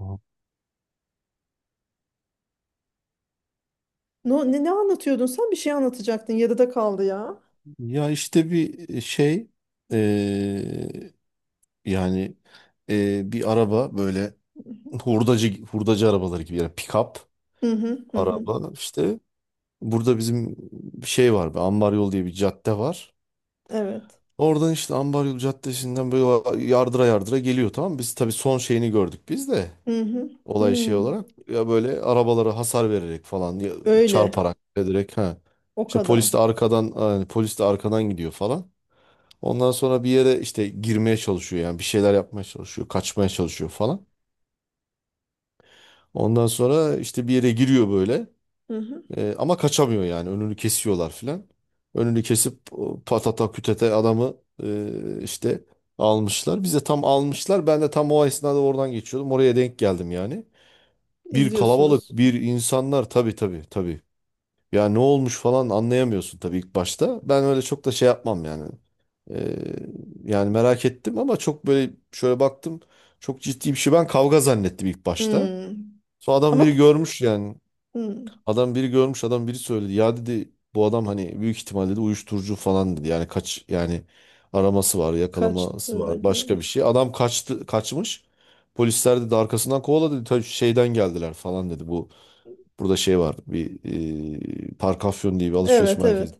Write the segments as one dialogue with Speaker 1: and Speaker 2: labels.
Speaker 1: Aha.
Speaker 2: No, ne anlatıyordun sen? Bir şey anlatacaktın. Yarıda kaldı ya.
Speaker 1: Ya işte bir şey, eee, yani, bir araba böyle, hurdacı hurdacı arabaları gibi, yani pick-up
Speaker 2: Hı hı hı. Hı.
Speaker 1: araba işte. Burada bizim şey var, bir ambar yol diye bir cadde var.
Speaker 2: Evet.
Speaker 1: Oradan işte ambar yol caddesinden böyle yardıra yardıra geliyor, tamam mı? Biz tabii son şeyini gördük, biz de
Speaker 2: Hı hı.
Speaker 1: olay şey
Speaker 2: Hı.
Speaker 1: olarak, ya böyle arabalara hasar vererek falan, ya
Speaker 2: Öyle.
Speaker 1: çarparak ederek, ha.
Speaker 2: O
Speaker 1: İşte
Speaker 2: kadar.
Speaker 1: polis de arkadan, yani polis de arkadan gidiyor falan. Ondan sonra bir yere işte girmeye çalışıyor, yani bir şeyler yapmaya çalışıyor, kaçmaya çalışıyor falan. Ondan sonra işte bir yere giriyor böyle.
Speaker 2: Hı hı.
Speaker 1: Ama kaçamıyor, yani önünü kesiyorlar filan. Önünü kesip o patata kütete adamı işte almışlar. Bize tam almışlar. Ben de tam o esnada oradan geçiyordum. Oraya denk geldim yani. Bir kalabalık,
Speaker 2: İzliyorsunuz.
Speaker 1: bir insanlar, tabii tabii tabii. Ya ne olmuş falan, anlayamıyorsun tabii ilk başta. Ben öyle çok da şey yapmam yani. Ee, Yani merak ettim ama çok böyle şöyle baktım. Çok ciddi bir şey. Ben kavga zannettim ilk başta.
Speaker 2: Hı.
Speaker 1: Sonra adam
Speaker 2: Ama,
Speaker 1: biri görmüş yani.
Speaker 2: hı,
Speaker 1: Adam biri görmüş, adam biri söyledi. Ya dedi, bu adam hani büyük ihtimal dedi uyuşturucu falan dedi. Yani kaç yani, araması var, yakalaması
Speaker 2: kaçtığına
Speaker 1: var,
Speaker 2: göre.
Speaker 1: başka bir şey. Adam kaçtı, kaçmış. Polisler dedi arkasından kovaladı dedi. "Ta şeyden geldiler falan" dedi. Bu burada şey var. Bir Parkafyon diye bir alışveriş
Speaker 2: Evet,
Speaker 1: merkezi.
Speaker 2: evet.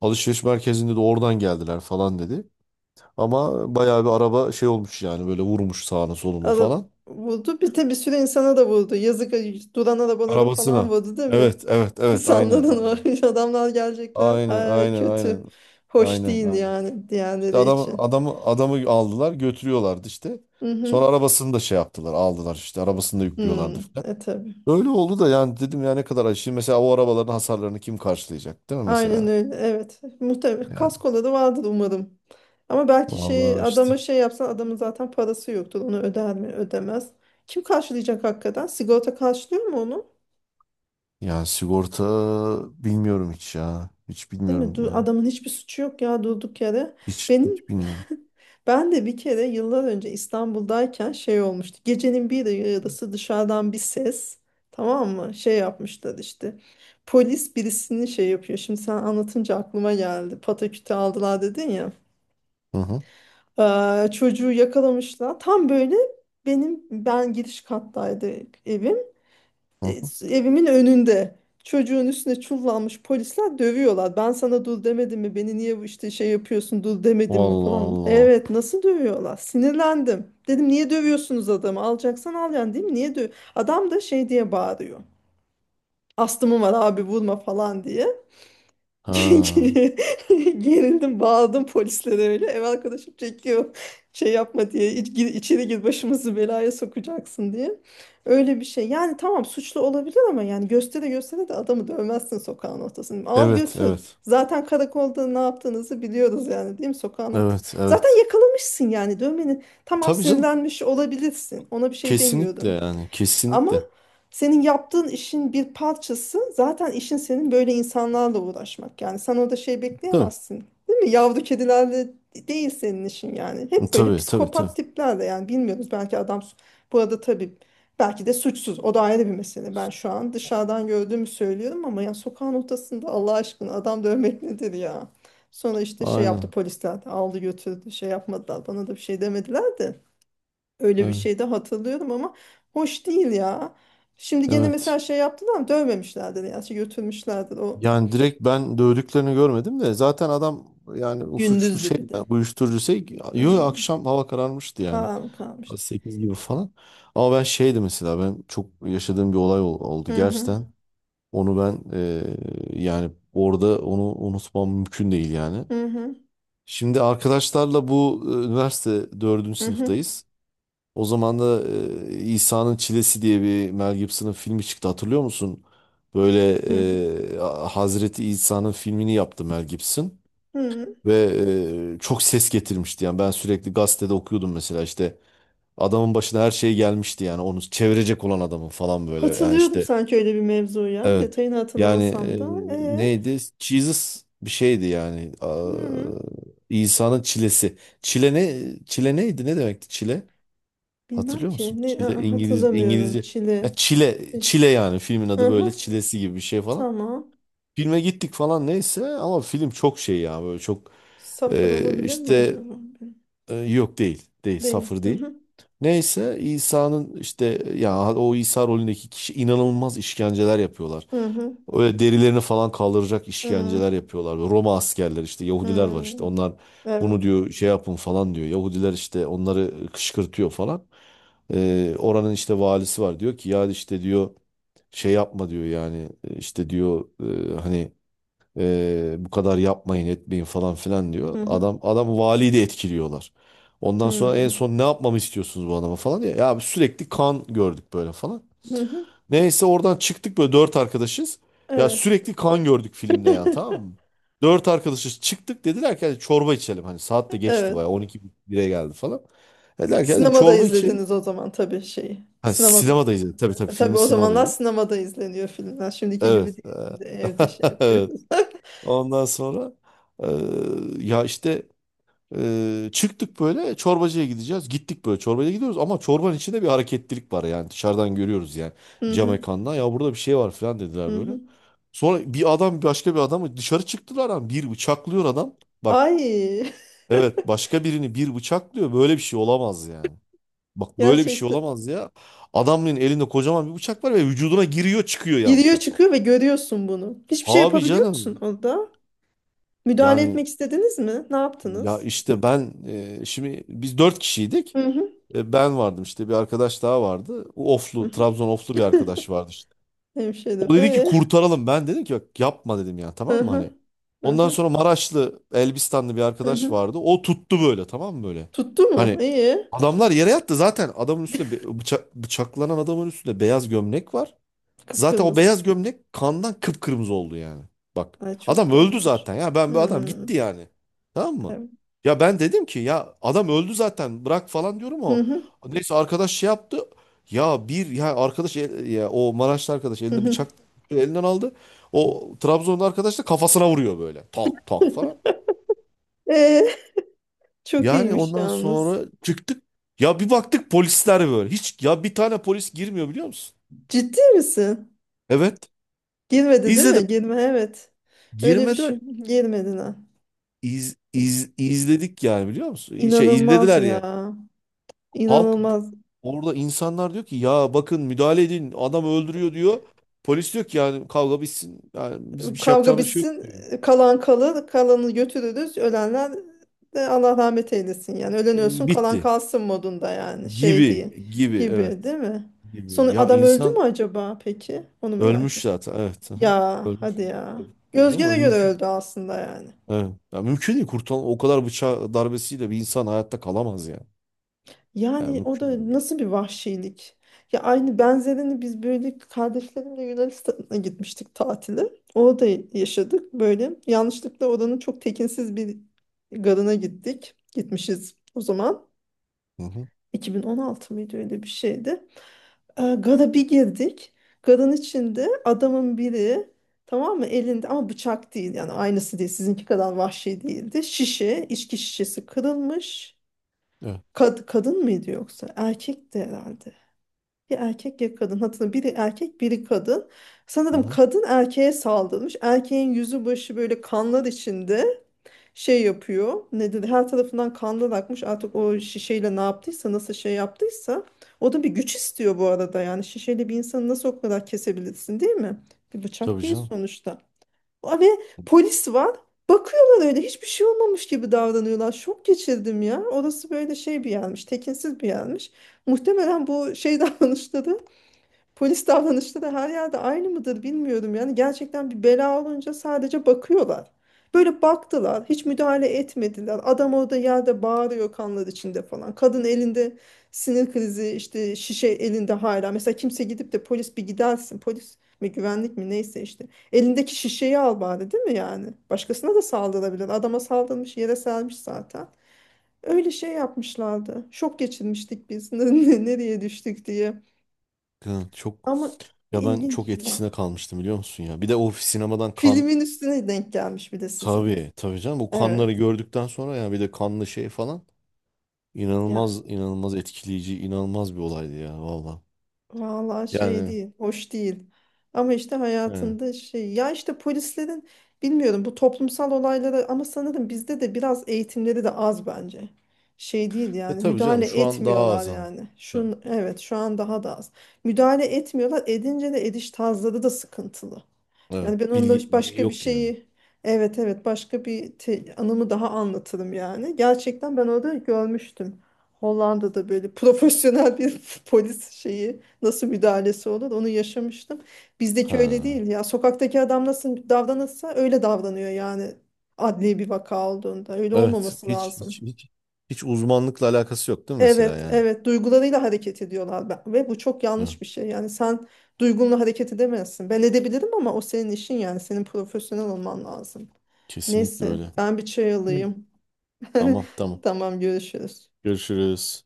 Speaker 1: Alışveriş merkezinde de, oradan geldiler falan dedi. Ama bayağı bir araba şey olmuş yani, böyle vurmuş sağını solunu
Speaker 2: Alıp
Speaker 1: falan.
Speaker 2: vurdu. Bir de bir sürü insana da vurdu. Yazık durana da bana da falan
Speaker 1: Arabasına.
Speaker 2: vurdu, değil mi?
Speaker 1: Evet, evet, evet, aynen,
Speaker 2: İnsanların
Speaker 1: aynen.
Speaker 2: o adamlar gelecekler.
Speaker 1: Aynen,
Speaker 2: Ay,
Speaker 1: aynen, aynen.
Speaker 2: kötü. Hoş
Speaker 1: Aynen,
Speaker 2: değil
Speaker 1: aynen.
Speaker 2: yani
Speaker 1: İşte
Speaker 2: diğerleri
Speaker 1: adamı
Speaker 2: için.
Speaker 1: adamı adamı aldılar, götürüyorlardı işte.
Speaker 2: Hı
Speaker 1: Sonra
Speaker 2: hı.
Speaker 1: arabasını da şey yaptılar, aldılar işte arabasını da
Speaker 2: Hı.
Speaker 1: yüklüyorlardı falan.
Speaker 2: E tabii.
Speaker 1: Öyle oldu da, yani dedim ya ne kadar acı. Şimdi mesela o arabaların hasarlarını kim karşılayacak, değil mi
Speaker 2: Aynen
Speaker 1: mesela?
Speaker 2: öyle. Evet. Muhtemelen
Speaker 1: Yani
Speaker 2: kaskola da vardır umarım. Ama belki şey
Speaker 1: vallahi işte.
Speaker 2: adama şey yapsan adamın zaten parası yoktur. Onu öder mi? Ödemez. Kim karşılayacak hakikaten? Sigorta karşılıyor mu onu?
Speaker 1: Yani sigorta bilmiyorum hiç ya. Hiç
Speaker 2: Değil mi?
Speaker 1: bilmiyorum ya.
Speaker 2: Adamın hiçbir suçu yok ya, durduk yere.
Speaker 1: Hiç
Speaker 2: Benim
Speaker 1: hiç bilmiyorum.
Speaker 2: Ben de bir kere yıllar önce İstanbul'dayken şey olmuştu. Gecenin bir yarısı dışarıdan bir ses. Tamam mı? Şey yapmışlar işte. Polis birisini şey yapıyor. Şimdi sen anlatınca aklıma geldi. Pataküte aldılar dedin ya.
Speaker 1: Hı hı
Speaker 2: Çocuğu yakalamışlar. Tam böyle ben giriş kattaydı evim.
Speaker 1: hı. Hı.
Speaker 2: Evimin önünde. Çocuğun üstüne çullanmış polisler dövüyorlar. Ben sana dur demedim mi? Beni niye bu işte şey yapıyorsun, dur demedim mi
Speaker 1: Vallahi
Speaker 2: falan.
Speaker 1: Allah.
Speaker 2: Evet, nasıl dövüyorlar? Sinirlendim. Dedim niye dövüyorsunuz adamı? Alacaksan al yani, değil mi? Niye döv? Adam da şey diye bağırıyor. Astımım var abi, vurma falan diye.
Speaker 1: Ha.
Speaker 2: Gerildim, bağladım polislere öyle. Ev arkadaşım çekiyor. Şey yapma diye, içeri gir, başımızı belaya sokacaksın" diye. Öyle bir şey. Yani tamam, suçlu olabilir ama yani göstere göstere de adamı dövmezsin sokağın ortasında. Al
Speaker 1: Evet,
Speaker 2: götür.
Speaker 1: evet.
Speaker 2: Zaten karakolda ne yaptığınızı biliyoruz yani, değil mi, sokağın ortasında.
Speaker 1: Evet,
Speaker 2: Zaten
Speaker 1: evet.
Speaker 2: yakalamışsın yani dövmenin. Tamam,
Speaker 1: Tabii canım.
Speaker 2: sinirlenmiş olabilirsin. Ona bir şey
Speaker 1: Kesinlikle,
Speaker 2: demiyorum.
Speaker 1: yani
Speaker 2: Ama
Speaker 1: kesinlikle.
Speaker 2: senin yaptığın işin bir parçası zaten, işin senin böyle insanlarla uğraşmak. Yani sen orada şey
Speaker 1: Tabii.
Speaker 2: bekleyemezsin. Değil mi? Yavru kedilerle değil senin işin yani. Hep böyle
Speaker 1: Tabii, tabii, tabii.
Speaker 2: psikopat tiplerle, yani bilmiyoruz. Belki adam bu arada tabii belki de suçsuz. O da ayrı bir mesele. Ben şu an dışarıdan gördüğümü söylüyorum ama ya sokağın ortasında Allah aşkına adam dövmek nedir ya? Sonra işte şey yaptı
Speaker 1: Aynen.
Speaker 2: polisler, aldı götürdü, şey yapmadılar, bana da bir şey demediler de. Öyle bir
Speaker 1: Evet.
Speaker 2: şey de hatırlıyorum ama hoş değil ya. Şimdi gene
Speaker 1: Evet.
Speaker 2: mesela şey yaptılar ama dövmemişlerdir ya. Şey götürmüşlerdir o,
Speaker 1: Yani direkt ben dövdüklerini görmedim de, zaten adam, yani o suçlu
Speaker 2: gündüzdü
Speaker 1: şey
Speaker 2: bir de.
Speaker 1: ya, uyuşturucu şey. Yo,
Speaker 2: Hmm.
Speaker 1: akşam hava kararmıştı yani.
Speaker 2: Aa, mı
Speaker 1: Saat
Speaker 2: kalmıştı?
Speaker 1: 8 gibi falan. Ama ben şeydi mesela, ben çok yaşadığım bir olay oldu
Speaker 2: Hı hı,
Speaker 1: gerçekten. Onu ben, yani orada onu unutmam mümkün değil yani.
Speaker 2: hı hı,
Speaker 1: Şimdi arkadaşlarla bu üniversite dördüncü
Speaker 2: hı hı,
Speaker 1: sınıftayız. O zaman da İsa'nın Çilesi diye bir Mel Gibson'ın filmi çıktı, hatırlıyor musun? Böyle
Speaker 2: hı hı,
Speaker 1: e, Hazreti İsa'nın filmini yaptı Mel Gibson
Speaker 2: hı hı.
Speaker 1: ve çok ses getirmişti, yani ben sürekli gazetede okuyordum mesela, işte adamın başına her şey gelmişti yani, onu çevirecek olan adamın falan böyle, yani
Speaker 2: Hatırlıyorum
Speaker 1: işte,
Speaker 2: sanki öyle bir mevzu ya.
Speaker 1: evet,
Speaker 2: Detayını
Speaker 1: yani
Speaker 2: hatırlamasam da.
Speaker 1: neydi Jesus bir şeydi yani.
Speaker 2: Hı
Speaker 1: Aa,
Speaker 2: hı.
Speaker 1: İsa'nın çilesi, çile ne, çile neydi, ne demekti çile?
Speaker 2: Bilmem
Speaker 1: Hatırlıyor
Speaker 2: ki.
Speaker 1: musun?
Speaker 2: Ne,
Speaker 1: Çile İngiliz,
Speaker 2: hatırlamıyorum.
Speaker 1: İngilizce. Ya
Speaker 2: Çile. E,
Speaker 1: Çile, Çile yani, filmin
Speaker 2: Hı
Speaker 1: adı böyle
Speaker 2: hı,
Speaker 1: Çilesi gibi bir şey falan.
Speaker 2: tamam.
Speaker 1: Filme gittik falan, neyse ama film çok şey ya, böyle çok
Speaker 2: Safır olabilir mi
Speaker 1: işte,
Speaker 2: acaba?
Speaker 1: yok değil. Değil.
Speaker 2: Değil.
Speaker 1: Safır
Speaker 2: Hı
Speaker 1: değil.
Speaker 2: hı,
Speaker 1: Neyse İsa'nın işte, ya o İsa rolündeki kişi inanılmaz işkenceler yapıyorlar.
Speaker 2: hı hı,
Speaker 1: Öyle derilerini falan kaldıracak
Speaker 2: hı
Speaker 1: işkenceler yapıyorlar. Roma askerler işte, Yahudiler var
Speaker 2: hı.
Speaker 1: işte, onlar bunu
Speaker 2: Evet.
Speaker 1: diyor şey yapın falan diyor. Yahudiler işte onları kışkırtıyor falan. Oranın işte valisi var, diyor ki ya işte diyor şey yapma diyor, yani. İşte diyor hani bu kadar yapmayın etmeyin falan filan diyor.
Speaker 2: Hı hı.
Speaker 1: Adam valiyi de etkiliyorlar. Ondan sonra en
Speaker 2: Hmm.
Speaker 1: son ne yapmamı istiyorsunuz bu adama falan diye. Ya sürekli kan gördük böyle falan.
Speaker 2: Hı hı.
Speaker 1: Neyse oradan çıktık böyle, dört arkadaşız. Ya
Speaker 2: Evet.
Speaker 1: sürekli kan gördük filmde yani, tamam mı? Dört arkadaşız, çıktık dediler ki "Hadi çorba içelim." Hani saat de geçti bayağı,
Speaker 2: Evet.
Speaker 1: 12 1'e geldi falan. Dediler ki "Hadi
Speaker 2: Sinemada
Speaker 1: çorba içelim."
Speaker 2: izlediniz o zaman tabii şeyi.
Speaker 1: Ha,
Speaker 2: Sinemada.
Speaker 1: sinemada izledik, tabii tabii
Speaker 2: Tabii
Speaker 1: filmi
Speaker 2: o
Speaker 1: sinemada
Speaker 2: zamanlar
Speaker 1: izledik.
Speaker 2: sinemada izleniyor filmler. Şimdiki gibi
Speaker 1: Evet.
Speaker 2: değil. Şimdi evde şey
Speaker 1: Evet.
Speaker 2: yapıyoruz.
Speaker 1: Ondan sonra, ee, ya işte, çıktık böyle, çorbacıya gideceğiz. Gittik böyle çorbacıya gidiyoruz ama çorbanın içinde bir hareketlilik var yani, dışarıdan görüyoruz yani,
Speaker 2: Hı
Speaker 1: cam
Speaker 2: hı.
Speaker 1: ekrandan, ya burada bir şey var falan dediler
Speaker 2: Hı
Speaker 1: böyle.
Speaker 2: hı.
Speaker 1: Sonra bir adam başka bir adamı, dışarı çıktılar ama, bir bıçaklıyor adam. Bak,
Speaker 2: Ay,
Speaker 1: evet, başka birini bir bıçaklıyor, böyle bir şey olamaz yani. Bak böyle bir şey
Speaker 2: gerçekten.
Speaker 1: olamaz ya. Adamın elinde kocaman bir bıçak var ve vücuduna giriyor çıkıyor ya,
Speaker 2: Giriyor
Speaker 1: bıçak bak.
Speaker 2: çıkıyor ve görüyorsun bunu. Hiçbir şey
Speaker 1: Abi
Speaker 2: yapabiliyor musun
Speaker 1: canım,
Speaker 2: orada? Müdahale
Speaker 1: yani,
Speaker 2: etmek istediniz mi? Ne
Speaker 1: ya
Speaker 2: yaptınız?
Speaker 1: işte ben, şimdi biz dört kişiydik.
Speaker 2: Hı hı.
Speaker 1: Ben vardım işte, bir arkadaş daha vardı. O
Speaker 2: Hı
Speaker 1: Oflu, Trabzon Oflu bir
Speaker 2: hı.
Speaker 1: arkadaş vardı işte. O
Speaker 2: Hemşerim.
Speaker 1: dedi ki
Speaker 2: Ee?
Speaker 1: kurtaralım. Ben dedim ki bak yapma dedim ya,
Speaker 2: Hı
Speaker 1: tamam mı hani.
Speaker 2: hı. Hı
Speaker 1: Ondan
Speaker 2: hı.
Speaker 1: sonra Maraşlı, Elbistanlı bir
Speaker 2: Hı
Speaker 1: arkadaş
Speaker 2: hı.
Speaker 1: vardı. O tuttu böyle, tamam mı böyle.
Speaker 2: Tuttu mu?
Speaker 1: Hani
Speaker 2: İyi.
Speaker 1: adamlar yere yattı zaten, adamın üstünde bıçak, bıçaklanan adamın üstünde beyaz gömlek var. Zaten o
Speaker 2: Kıpkırmızı.
Speaker 1: beyaz gömlek kandan kıpkırmızı oldu yani. Bak
Speaker 2: Ay, çok
Speaker 1: adam öldü
Speaker 2: korkunç.
Speaker 1: zaten ya, ben bu adam
Speaker 2: Hmm,
Speaker 1: gitti yani. Tamam mı?
Speaker 2: evet.
Speaker 1: Ya ben dedim ki ya adam öldü zaten, bırak falan diyorum
Speaker 2: Hı
Speaker 1: o.
Speaker 2: hı,
Speaker 1: Neyse arkadaş şey yaptı. Ya bir ya arkadaş, ya o Maraşlı arkadaş
Speaker 2: hı
Speaker 1: elinde
Speaker 2: hı.
Speaker 1: bıçak, elinden aldı. O Trabzonlu arkadaş da kafasına vuruyor böyle. Tak tak falan.
Speaker 2: Ee, Çok
Speaker 1: Yani
Speaker 2: iyiymiş
Speaker 1: ondan
Speaker 2: yalnız.
Speaker 1: sonra çıktık. Ya bir baktık polisler böyle. Hiç ya, bir tane polis girmiyor biliyor musun?
Speaker 2: Ciddi misin?
Speaker 1: Evet.
Speaker 2: Girmedi, değil
Speaker 1: İzledim.
Speaker 2: mi? Girme, evet. Öyle bir
Speaker 1: Girmediler.
Speaker 2: şey, girmedi ha.
Speaker 1: İz, iz, izledik yani biliyor musun? Şey
Speaker 2: İnanılmaz
Speaker 1: izlediler yani.
Speaker 2: ya.
Speaker 1: Halk,
Speaker 2: İnanılmaz.
Speaker 1: orada insanlar diyor ki ya, bakın müdahale edin adam öldürüyor diyor. Polis diyor ki, yani kavga bitsin. Yani biz bir şey
Speaker 2: Kavga
Speaker 1: yapacağımız şey yok
Speaker 2: bitsin,
Speaker 1: diyor.
Speaker 2: kalan kalır, kalanı götürürüz. Ölenler de Allah rahmet eylesin yani. Ölen ölsün, kalan
Speaker 1: Bitti.
Speaker 2: kalsın modunda yani, şey
Speaker 1: Gibi
Speaker 2: diye
Speaker 1: gibi,
Speaker 2: gibi, değil
Speaker 1: evet.
Speaker 2: mi? Sonra
Speaker 1: Gibi. Ya
Speaker 2: adam öldü mü
Speaker 1: insan
Speaker 2: acaba peki? Onu merak
Speaker 1: ölmüş
Speaker 2: ettim.
Speaker 1: zaten, evet. Aha.
Speaker 2: Ya
Speaker 1: Ölmüş.
Speaker 2: hadi ya.
Speaker 1: Tabii, tabii
Speaker 2: Gözge de
Speaker 1: canım
Speaker 2: göre
Speaker 1: mümkün.
Speaker 2: öldü aslında yani.
Speaker 1: Evet. Ya mümkün değil kurtulan, o kadar bıçak darbesiyle bir insan hayatta kalamaz yani. Yani
Speaker 2: Yani o
Speaker 1: mümkün değil.
Speaker 2: da nasıl bir vahşilik. Ya aynı benzerini biz böyle kardeşlerimle Yunanistan'a gitmiştik tatile. Orada yaşadık böyle. Yanlışlıkla oranın çok tekinsiz bir garına gittik. Gitmişiz o zaman.
Speaker 1: Hı hı.
Speaker 2: 2016 mıydı, öyle bir şeydi. Gara bir girdik. Garın içinde adamın biri, tamam mı, elinde ama bıçak değil yani, aynısı değil, sizinki kadar vahşi değildi. Şişe, içki şişesi kırılmış.
Speaker 1: Evet.
Speaker 2: Kadın mıydı yoksa? Erkekti herhalde. Ya erkek ya kadın, hatırlamıyorum. Biri erkek biri kadın.
Speaker 1: Hı
Speaker 2: Sanırım
Speaker 1: hı.
Speaker 2: kadın erkeğe saldırmış. Erkeğin yüzü başı böyle kanlar içinde şey yapıyor. Ne dedi? Her tarafından kanlar akmış. Artık o şişeyle ne yaptıysa, nasıl şey yaptıysa. O da bir güç istiyor bu arada. Yani şişeyle bir insanı nasıl o kadar kesebilirsin, değil mi? Bir bıçak
Speaker 1: Tabii
Speaker 2: değil
Speaker 1: canım.
Speaker 2: sonuçta. Aa, ve polis var. Bakıyorlar öyle, hiçbir şey olmamış gibi davranıyorlar. Şok geçirdim ya. Orası böyle şey bir yermiş, tekinsiz bir yermiş. Muhtemelen bu şey davranışları, polis davranışları her yerde aynı mıdır bilmiyorum. Yani gerçekten bir bela olunca sadece bakıyorlar. Böyle baktılar, hiç müdahale etmediler. Adam orada yerde bağırıyor kanlar içinde falan. Kadın elinde sinir krizi, işte şişe elinde hala. Mesela kimse gidip de, polis bir gidersin. Polis mi güvenlik mi neyse işte. Elindeki şişeyi al bari, değil mi yani? Başkasına da saldırabilir. Adama saldırmış, yere sermiş zaten. Öyle şey yapmışlardı. Şok geçirmiştik biz. Nereye düştük diye.
Speaker 1: Hı.
Speaker 2: Ama
Speaker 1: Ya ben çok
Speaker 2: ilginç ya.
Speaker 1: etkisine kalmıştım biliyor musun ya. Bir de o sinemadan kan,
Speaker 2: Filmin üstüne denk gelmiş bir de sizin.
Speaker 1: tabii tabii canım, bu kanları
Speaker 2: Evet.
Speaker 1: gördükten sonra ya bir de kanlı şey falan, inanılmaz
Speaker 2: Ya,
Speaker 1: inanılmaz etkileyici, inanılmaz bir olaydı ya valla.
Speaker 2: vallahi şey
Speaker 1: Yani,
Speaker 2: değil, hoş değil. Ama işte
Speaker 1: yani.
Speaker 2: hayatında şey ya, işte polislerin bilmiyorum bu toplumsal olaylara, ama sanırım bizde de biraz eğitimleri de az bence. Şey değil
Speaker 1: E
Speaker 2: yani,
Speaker 1: tabii
Speaker 2: müdahale
Speaker 1: canım şu an daha
Speaker 2: etmiyorlar
Speaker 1: azaldı.
Speaker 2: yani.
Speaker 1: Tabii.
Speaker 2: Evet, şu an daha da az. Müdahale etmiyorlar. Edince de ediş tarzları da sıkıntılı.
Speaker 1: Evet,
Speaker 2: Yani ben
Speaker 1: bilgi,
Speaker 2: onda
Speaker 1: bilgi
Speaker 2: başka bir
Speaker 1: yok yani.
Speaker 2: şeyi, evet evet, başka bir anımı daha anlatırım yani. Gerçekten ben orada görmüştüm. Hollanda'da böyle profesyonel bir polis şeyi nasıl müdahalesi olur onu yaşamıştım. Bizdeki öyle
Speaker 1: Ha.
Speaker 2: değil ya. Sokaktaki adam nasıl davranırsa öyle davranıyor yani, adli bir vaka olduğunda. Öyle
Speaker 1: Evet
Speaker 2: olmaması
Speaker 1: hiç
Speaker 2: lazım.
Speaker 1: hiç hiç hiç uzmanlıkla alakası yok değil mi mesela
Speaker 2: Evet,
Speaker 1: yani?
Speaker 2: evet duygularıyla hareket ediyorlar, ve bu çok
Speaker 1: Ha,
Speaker 2: yanlış bir şey. Yani sen duygunla hareket edemezsin. Ben edebilirim ama o senin işin yani, senin profesyonel olman lazım.
Speaker 1: kesinlikle
Speaker 2: Neyse,
Speaker 1: öyle.
Speaker 2: ben bir çay
Speaker 1: Evet.
Speaker 2: alayım.
Speaker 1: Tamam, tamam.
Speaker 2: Tamam, görüşürüz.
Speaker 1: Görüşürüz.